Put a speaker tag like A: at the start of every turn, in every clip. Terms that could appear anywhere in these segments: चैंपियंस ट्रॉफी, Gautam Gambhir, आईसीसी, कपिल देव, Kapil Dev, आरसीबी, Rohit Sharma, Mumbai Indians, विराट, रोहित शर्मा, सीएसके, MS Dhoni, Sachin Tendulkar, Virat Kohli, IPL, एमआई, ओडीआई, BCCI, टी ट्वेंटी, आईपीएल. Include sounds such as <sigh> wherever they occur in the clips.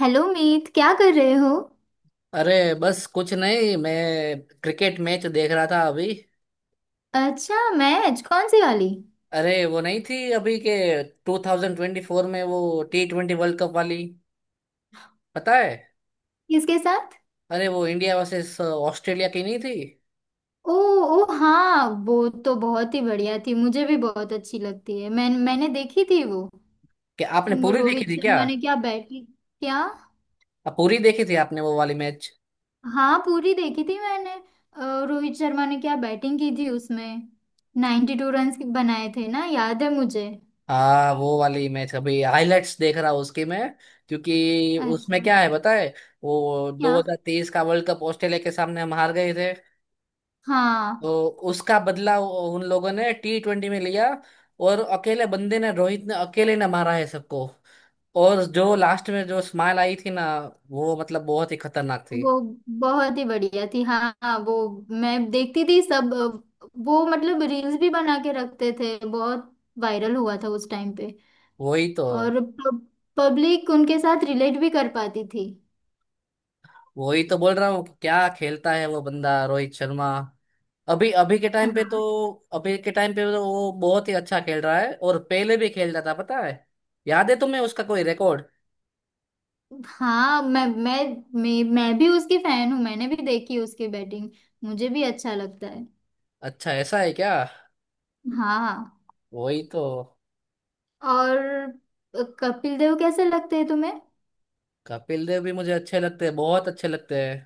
A: Hello Meet, क्या कर रहे हो?
B: अरे बस कुछ नहीं, मैं क्रिकेट मैच देख रहा था अभी।
A: अच्छा, मैच कौन सी वाली?
B: अरे वो नहीं थी, अभी के 2024 में वो टी ट्वेंटी वर्ल्ड कप वाली, पता है।
A: किसके साथ?
B: अरे वो इंडिया वर्सेस ऑस्ट्रेलिया की नहीं थी?
A: ओ, ओ हाँ, वो तो बहुत ही बढ़िया थी, मुझे भी बहुत अच्छी लगती है। मैंने देखी थी वो।
B: कि आपने
A: वो
B: पूरी देखी
A: रोहित
B: थी क्या?
A: शर्मा ने क्या बैटिंग, क्या?
B: आप पूरी देखी थी आपने वो वाली मैच?
A: हाँ, पूरी देखी थी मैंने। रोहित शर्मा ने क्या बैटिंग की थी उसमें। 92 रन बनाए थे ना, याद है मुझे।
B: हाँ, वो वाली मैच अभी हाइलाइट्स देख रहा हूँ उसकी मैं, क्योंकि
A: अच्छा।
B: उसमें क्या है पता है, वो
A: क्या?
B: 2023 का वर्ल्ड कप ऑस्ट्रेलिया के सामने हम हार गए थे।
A: हाँ,
B: तो उसका बदला उन लोगों ने टी ट्वेंटी में लिया। और अकेले बंदे ने, रोहित ने, अकेले ने मारा है सबको। और जो लास्ट में जो स्माइल आई थी ना, वो मतलब बहुत ही खतरनाक थी।
A: वो बहुत ही बढ़िया थी। हाँ हाँ, वो मैं देखती थी सब। वो मतलब रील्स भी बना के रखते थे, बहुत वायरल हुआ था उस टाइम पे।
B: वही तो।
A: और पब्लिक उनके साथ रिलेट भी कर पाती थी।
B: वही तो बोल रहा हूँ कि क्या खेलता है वो बंदा, रोहित शर्मा। अभी अभी के टाइम पे तो,
A: हाँ।
B: अभी के टाइम पे तो वो बहुत ही अच्छा खेल रहा है, और पहले भी खेलता था, पता है। याद है तुम्हें उसका कोई रिकॉर्ड?
A: हाँ। मैं भी उसकी फैन हूँ, मैंने भी देखी उसकी बैटिंग। मुझे भी अच्छा लगता है।
B: अच्छा, ऐसा है क्या?
A: हाँ।
B: वही तो।
A: और कपिल देव कैसे लगते हैं तुम्हें?
B: कपिल देव भी मुझे अच्छे लगते हैं, बहुत अच्छे लगते हैं।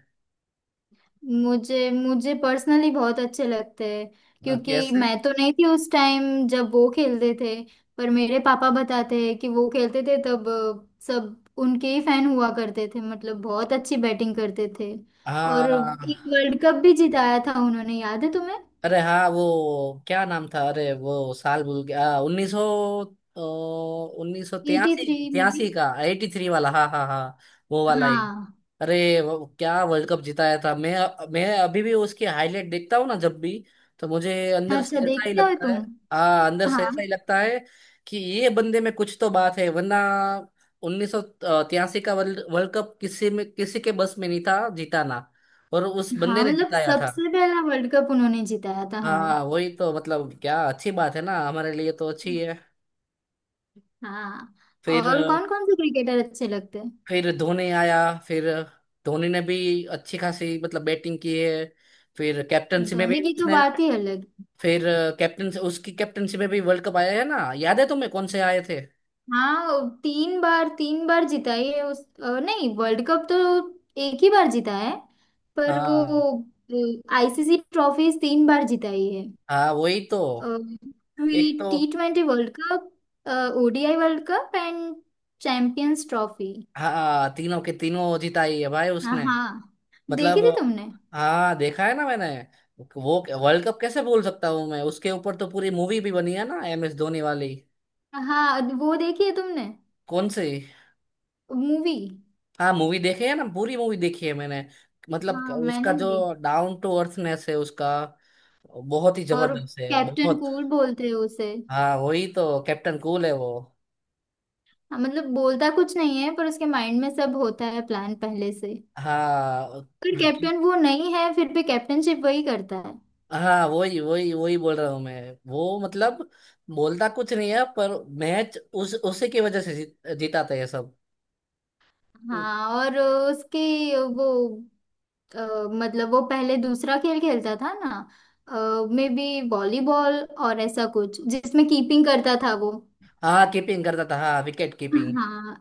A: मुझे मुझे पर्सनली बहुत अच्छे लगते हैं, क्योंकि
B: कैसे?
A: मैं तो नहीं थी उस टाइम जब वो खेलते थे। पर मेरे पापा बताते हैं कि वो खेलते थे तब सब उनके ही फैन हुआ करते थे, मतलब बहुत अच्छी बैटिंग करते थे। और
B: हाँ।
A: एक वर्ल्ड कप भी जिताया था उन्होंने, याद है तुम्हें?
B: अरे हाँ, वो क्या नाम था? अरे वो साल भूल गया, उन्नीस सौ, उन्नीस सौ
A: एटी
B: तिरासी।
A: थ्री में भी।
B: तिरासी का, एटी थ्री वाला, हाँ हाँ हाँ। वो वाला ही।
A: हाँ।
B: अरे वो क्या वर्ल्ड कप जिताया था! मैं अभी भी उसकी हाईलाइट देखता हूँ ना जब भी, तो मुझे अंदर से
A: अच्छा,
B: ऐसा ही
A: देखते हो
B: लगता
A: तुम?
B: है। हाँ, अंदर से
A: हाँ।
B: ऐसा ही लगता है कि ये बंदे में कुछ तो बात है, वरना उन्नीस सौ तिरासी का वर्ल्ड वर्ल्ड कप किसी में, किसी के बस में नहीं था जिताना, और उस बंदे
A: हाँ
B: ने
A: मतलब
B: जिताया था।
A: सबसे पहला वर्ल्ड कप उन्होंने जिताया था हमें।
B: हाँ वही तो, मतलब क्या अच्छी बात है ना, हमारे लिए तो अच्छी है।
A: हाँ।
B: फिर,
A: और कौन कौन से क्रिकेटर अच्छे लगते हैं?
B: धोनी आया। फिर धोनी ने भी अच्छी खासी मतलब बैटिंग की है। फिर कैप्टनसी में भी
A: दही की तो
B: उसने,
A: बात ही अलग है।
B: फिर कैप्टन, उसकी कैप्टनसी में भी वर्ल्ड कप आया है ना, याद है तुम्हें कौन से आए थे?
A: हाँ, तीन बार जीता है उस नहीं, वर्ल्ड कप तो एक ही बार जीता है। पर वो
B: हाँ।
A: आईसीसी ट्रॉफीज तीन बार जीता ही है।
B: हाँ वही तो, एक तो।
A: T20 world cup, ओडीआई world cup and चैंपियंस ट्रॉफी।
B: हाँ तीनों के तीनों जिताई है भाई
A: हाँ
B: उसने,
A: हाँ। देखी
B: मतलब।
A: थी तुमने?
B: हाँ देखा है ना मैंने। वो वर्ल्ड कप कैसे बोल सकता हूँ मैं, उसके ऊपर तो पूरी मूवी भी बनी है ना, एम एस धोनी वाली।
A: हाँ, वो देखी है तुमने?
B: कौन सी?
A: मूवी?
B: हाँ, मूवी देखे है ना, पूरी मूवी देखी है मैंने। मतलब
A: हाँ
B: उसका
A: मैंने भी।
B: जो डाउन टू अर्थनेस है उसका, बहुत ही
A: और
B: जबरदस्त है,
A: कैप्टन
B: बहुत।
A: कूल बोलते हैं उसे।
B: हाँ, वही तो कैप्टन कूल है वो।
A: हाँ, मतलब बोलता कुछ नहीं है पर उसके माइंड में सब होता है, प्लान पहले से।
B: हाँ।
A: पर
B: विक्की।
A: कैप्टन वो नहीं है फिर भी कैप्टनशिप वही करता है।
B: हाँ, वही वही वही बोल रहा हूँ मैं, वो मतलब बोलता कुछ नहीं है, पर मैच उस उसी की वजह से जीत, जिताते हैं सब। उ-
A: हाँ। और उसकी वो अ, मतलब वो पहले दूसरा खेल खेलता था ना, मे बी वॉलीबॉल और ऐसा कुछ जिसमें कीपिंग करता था वो।
B: हाँ कीपिंग करता था, हाँ विकेट कीपिंग।
A: हाँ।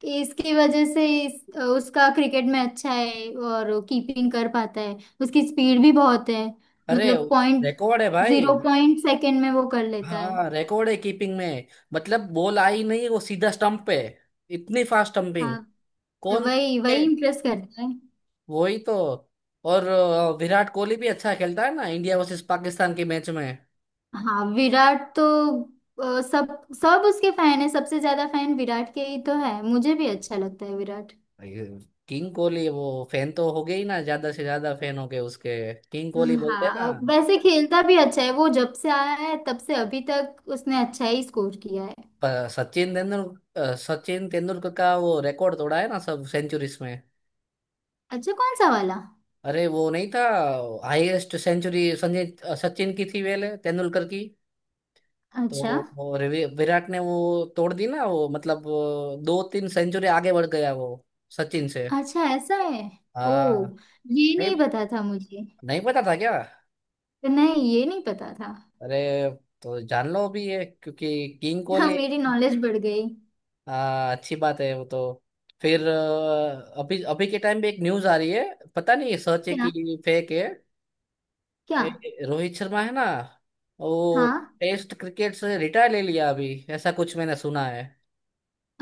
A: कि इसकी वजह से उसका क्रिकेट में अच्छा है और कीपिंग कर पाता है। उसकी स्पीड भी बहुत है,
B: अरे
A: मतलब पॉइंट
B: रिकॉर्ड है भाई।
A: जीरो पॉइंट सेकेंड में वो कर लेता है।
B: हाँ रिकॉर्ड है कीपिंग में। मतलब बॉल आई नहीं, वो सीधा स्टंप पे, इतनी फास्ट स्टंपिंग।
A: हाँ। तो
B: कौन?
A: वही
B: है।
A: वही इम्प्रेस करता है।
B: वही तो। और विराट कोहली भी अच्छा खेलता है ना इंडिया वर्सेस पाकिस्तान के मैच में।
A: हाँ, विराट तो सब सब उसके फैन है, सबसे ज्यादा फैन विराट के ही तो है। मुझे भी अच्छा लगता है विराट।
B: किंग कोहली वो, फैन तो हो गए ही ना, ज्यादा से ज्यादा फैन हो गए उसके, किंग कोहली बोलते हैं
A: हाँ,
B: ना।
A: वैसे खेलता भी अच्छा है वो, जब से आया है तब से अभी तक उसने अच्छा ही स्कोर किया है।
B: सचिन तेंदुलकर, सचिन तेंदुलकर का वो रिकॉर्ड तोड़ा है ना सब सेंचुरीज में।
A: अच्छा कौन सा वाला?
B: अरे वो नहीं था, हाईएस्ट सेंचुरी संजय, सचिन की थी पहले, तेंदुलकर की।
A: अच्छा।
B: तो वो विराट ने वो तोड़ दी ना वो, मतलब वो दो तीन सेंचुरी आगे बढ़ गया वो, सचिन से।
A: अच्छा ऐसा है। ओ।
B: हाँ।
A: ये
B: नहीं,
A: नहीं पता था मुझे।
B: नहीं पता था क्या?
A: नहीं, ये नहीं पता था।
B: अरे तो जान लो अभी ये, क्योंकि किंग
A: हाँ,
B: कोहली।
A: मेरी नॉलेज बढ़ गई।
B: हाँ अच्छी बात है वो तो। फिर अभी अभी के टाइम पे एक न्यूज आ रही है, पता नहीं ये सच है
A: क्या?
B: कि फेक है।
A: क्या?
B: ए, रोहित शर्मा है ना वो,
A: हाँ।
B: टेस्ट क्रिकेट से रिटायर ले लिया अभी। ऐसा कुछ मैंने सुना है।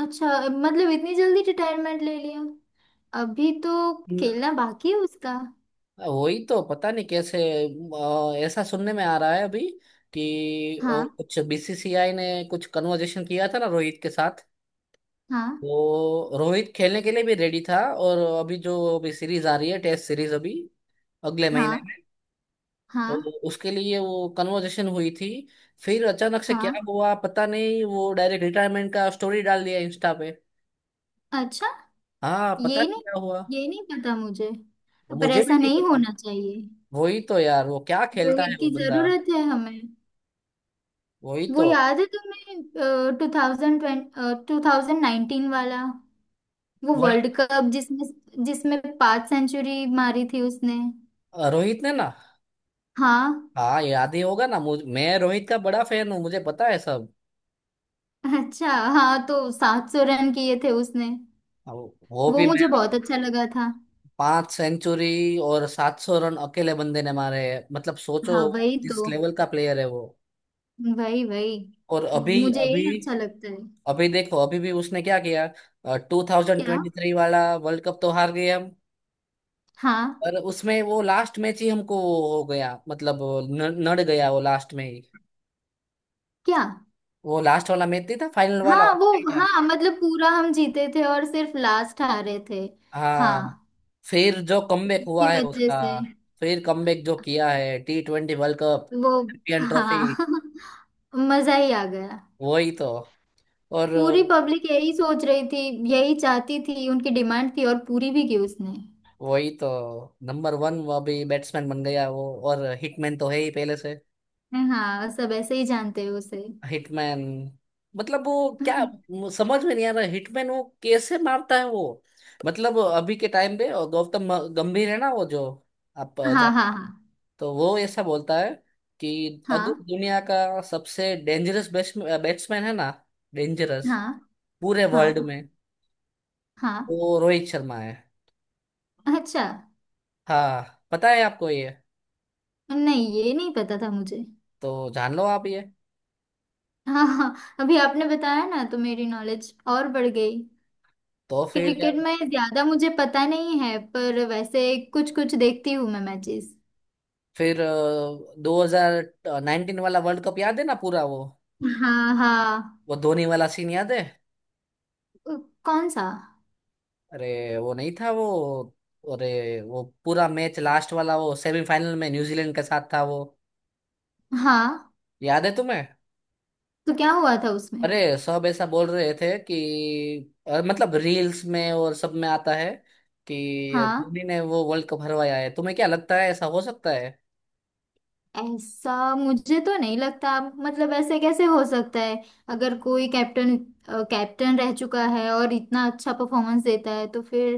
A: अच्छा, मतलब इतनी जल्दी रिटायरमेंट ले लिया? अभी तो खेलना बाकी है उसका।
B: वही तो पता नहीं कैसे, ऐसा सुनने में आ रहा है अभी कि
A: हाँ।
B: कुछ बीसीसीआई ने कुछ कन्वर्जेशन किया था ना रोहित के साथ।
A: हाँ।
B: तो रोहित खेलने के लिए भी रेडी था, और अभी जो अभी सीरीज आ रही है, टेस्ट सीरीज, अभी अगले
A: हाँ।
B: महीने में, तो
A: हाँ।
B: उसके लिए वो कन्वर्जेशन हुई थी। फिर अचानक से क्या
A: हाँ।
B: हुआ पता नहीं, वो डायरेक्ट रिटायरमेंट का स्टोरी डाल दिया इंस्टा पे।
A: अच्छा।
B: हाँ पता
A: ये
B: नहीं
A: नहीं
B: क्या हुआ।
A: ये नहीं पता मुझे। पर
B: मुझे भी
A: ऐसा
B: नहीं
A: नहीं
B: पता।
A: होना चाहिए।
B: वही तो यार, वो क्या खेलता है
A: रोहित
B: वो
A: की
B: बंदा।
A: जरूरत है हमें।
B: वही
A: वो
B: तो।
A: याद है तुम्हें? 2019 वाला वो
B: वर्ल्ड,
A: वर्ल्ड कप, जिसमें जिसमें पांच सेंचुरी मारी थी उसने।
B: रोहित ने ना?
A: हाँ।
B: हाँ याद ही होगा ना, मुझ मैं रोहित का बड़ा फैन हूँ, मुझे पता है सब।
A: अच्छा। हाँ, तो 700 रन किए थे उसने।
B: अब वो
A: वो
B: भी
A: मुझे
B: मेरा,
A: बहुत अच्छा लगा था।
B: पांच सेंचुरी और सात सौ रन अकेले बंदे ने मारे हैं, मतलब सोचो
A: हाँ वही
B: किस
A: तो।
B: लेवल का प्लेयर है वो।
A: वही वही।
B: और अभी
A: मुझे
B: अभी,
A: यही अच्छा लगता है।
B: अभी देखो अभी भी उसने क्या किया। टू थाउजेंड
A: क्या?
B: ट्वेंटी थ्री वाला वर्ल्ड कप तो हार गए हम,
A: हाँ।
B: पर उसमें वो लास्ट मैच ही हमको हो गया, मतलब नड़ गया वो लास्ट में ही।
A: क्या?
B: वो लास्ट वाला मैच नहीं था, फाइनल वाला?
A: हाँ। वो। हाँ मतलब पूरा हम जीते थे और सिर्फ लास्ट हारे थे। हाँ।
B: हाँ। फिर जो कमबैक
A: उसकी
B: हुआ है
A: वजह
B: उसका,
A: से।
B: फिर कमबैक जो किया है, टी ट्वेंटी वर्ल्ड कप,
A: वो।
B: चैंपियन ट्रॉफी,
A: हाँ <laughs> मजा ही आ गया।
B: वही तो। और
A: पूरी पब्लिक यही सोच रही थी, यही चाहती थी, उनकी डिमांड थी और पूरी भी की उसने।
B: वही तो। नंबर वन वो अभी बैट्समैन बन गया वो, और हिटमैन तो है ही पहले से।
A: हाँ, सब ऐसे ही जानते हैं उसे।
B: हिटमैन, मतलब वो क्या,
A: <laughs>
B: समझ में नहीं आ रहा है, हिटमैन वो कैसे मारता है वो। मतलब अभी के टाइम पे, और गौतम गंभीर है ना वो जो, आप,
A: हाँ हाँ
B: तो वो ऐसा बोलता है कि अगर
A: हाँ
B: दुनिया का सबसे डेंजरस बैट्समैन है ना, डेंजरस
A: हाँ
B: पूरे
A: हाँ
B: वर्ल्ड
A: हाँ
B: में,
A: हाँ।
B: वो रोहित शर्मा है।
A: अच्छा।
B: हाँ पता है आपको ये?
A: नहीं, ये नहीं पता था मुझे।
B: तो जान लो आप ये।
A: हाँ हाँ, अभी आपने बताया ना तो मेरी नॉलेज और बढ़ गई।
B: तो फिर
A: क्रिकेट
B: यार,
A: में ज्यादा मुझे पता नहीं है, पर वैसे कुछ कुछ देखती हूँ मैं मैचेस।
B: फिर दो हजार नाइनटीन वाला वर्ल्ड कप याद है ना पूरा वो
A: हाँ। हाँ।
B: वो धोनी वाला सीन याद है?
A: अ, कौन सा?
B: अरे वो नहीं था वो, अरे वो पूरा मैच लास्ट वाला वो सेमीफाइनल में न्यूजीलैंड के साथ था वो,
A: हाँ,
B: याद है तुम्हें?
A: तो क्या हुआ था उसमें?
B: अरे सब ऐसा बोल रहे थे कि मतलब रील्स में और सब में आता है कि
A: हाँ,
B: धोनी ने वो वर्ल्ड कप हरवाया है। तुम्हें क्या लगता है, ऐसा हो सकता है?
A: ऐसा मुझे तो नहीं लगता, मतलब ऐसे कैसे हो सकता है? अगर कोई कैप्टन कैप्टन रह चुका है और इतना अच्छा परफॉर्मेंस देता है तो फिर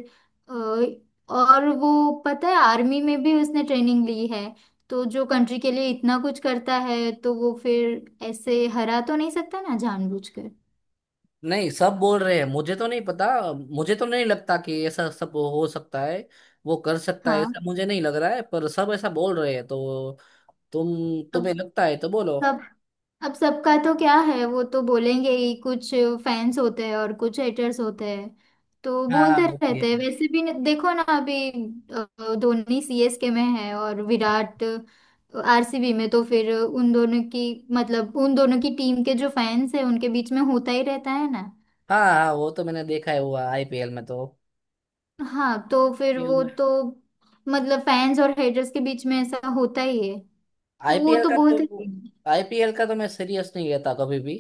A: अ, और वो, पता है, आर्मी में भी उसने ट्रेनिंग ली है। तो जो कंट्री के लिए इतना कुछ करता है तो वो फिर ऐसे हरा तो नहीं सकता ना जानबूझकर।
B: नहीं सब बोल रहे हैं, मुझे तो नहीं पता। मुझे तो नहीं लगता कि ऐसा सब हो सकता है। वो कर सकता है
A: हाँ।
B: ऐसा, मुझे नहीं लग रहा है, पर सब ऐसा बोल रहे हैं तो। तुम तुम्हें लगता है तो बोलो।
A: सब, अब सबका तो क्या है, वो तो बोलेंगे ही कुछ। फैंस होते हैं और कुछ हेटर्स होते हैं, तो
B: हाँ
A: बोलते
B: वो भी
A: रहते हैं
B: है।
A: वैसे भी। देखो ना, अभी धोनी सीएसके में है और विराट आरसीबी में, तो फिर उन दोनों की, मतलब उन दोनों की टीम के जो फैंस है उनके बीच में होता ही रहता है ना।
B: हाँ हाँ वो तो मैंने देखा है, हुआ आईपीएल में तो।
A: हाँ तो फिर
B: आईपीएल
A: वो
B: में,
A: तो, मतलब फैंस और हेटर्स के बीच में ऐसा होता ही है, तो वो
B: आईपीएल
A: तो
B: का
A: बोलते ही
B: तो,
A: हैं।
B: आईपीएल का तो मैं सीरियस नहीं लेता कभी भी।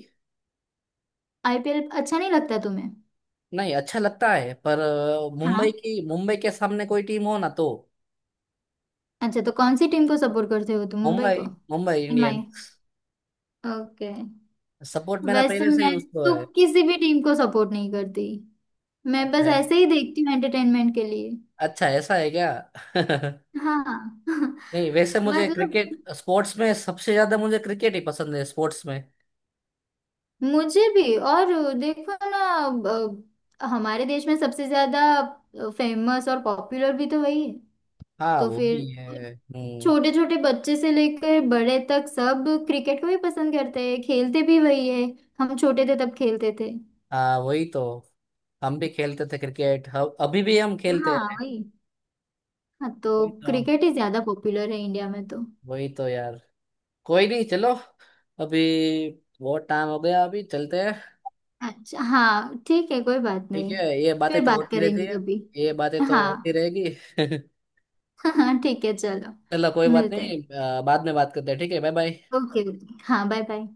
A: आईपीएल अच्छा नहीं लगता तुम्हें?
B: नहीं अच्छा लगता है, पर
A: हाँ।
B: मुंबई की, मुंबई के सामने कोई टीम हो ना तो।
A: अच्छा, तो कौन सी टीम को सपोर्ट करते हो तुम, मुंबई
B: मुंबई,
A: को?
B: Mumbai Indian.
A: एमआई। Okay.
B: Support मेरा
A: वैसे
B: पहले से ही
A: मैं
B: उसको
A: तो
B: है।
A: किसी भी टीम को सपोर्ट नहीं करती, मैं बस
B: अच्छा।
A: ऐसे ही देखती हूँ एंटरटेनमेंट के लिए।
B: अच्छा, ऐसा है क्या? <laughs>
A: हाँ <laughs>
B: नहीं वैसे मुझे
A: मतलब
B: क्रिकेट, स्पोर्ट्स में सबसे ज्यादा मुझे क्रिकेट ही पसंद है स्पोर्ट्स में।
A: मुझे भी। और देखो ना, हमारे देश में सबसे ज्यादा फेमस और पॉपुलर भी तो वही है।
B: हाँ
A: तो
B: वो
A: फिर
B: भी है, हम्म।
A: छोटे छोटे बच्चे से लेकर बड़े तक सब क्रिकेट को ही पसंद करते हैं, खेलते भी वही है। हम छोटे थे तब खेलते थे।
B: हाँ वही तो। हम भी खेलते थे क्रिकेट, हम अभी भी हम खेलते
A: हाँ
B: हैं।
A: वही। हाँ, तो
B: वही तो।
A: क्रिकेट ही ज्यादा पॉपुलर है इंडिया में तो।
B: वही तो यार, कोई नहीं, चलो अभी बहुत टाइम हो गया, अभी चलते हैं।
A: अच्छा हाँ ठीक है, कोई बात
B: ठीक
A: नहीं।
B: है, ये बातें
A: फिर
B: तो
A: बात
B: होती रहती
A: करेंगे
B: है।
A: कभी।
B: ये बातें तो होती
A: हाँ
B: रहेगी। <laughs>
A: <laughs> हाँ ठीक है, चलो।
B: चलो कोई बात
A: मिलते हैं।
B: नहीं, बाद में बात करते हैं, ठीक है, बाय बाय।
A: ओके। हाँ, बाय बाय।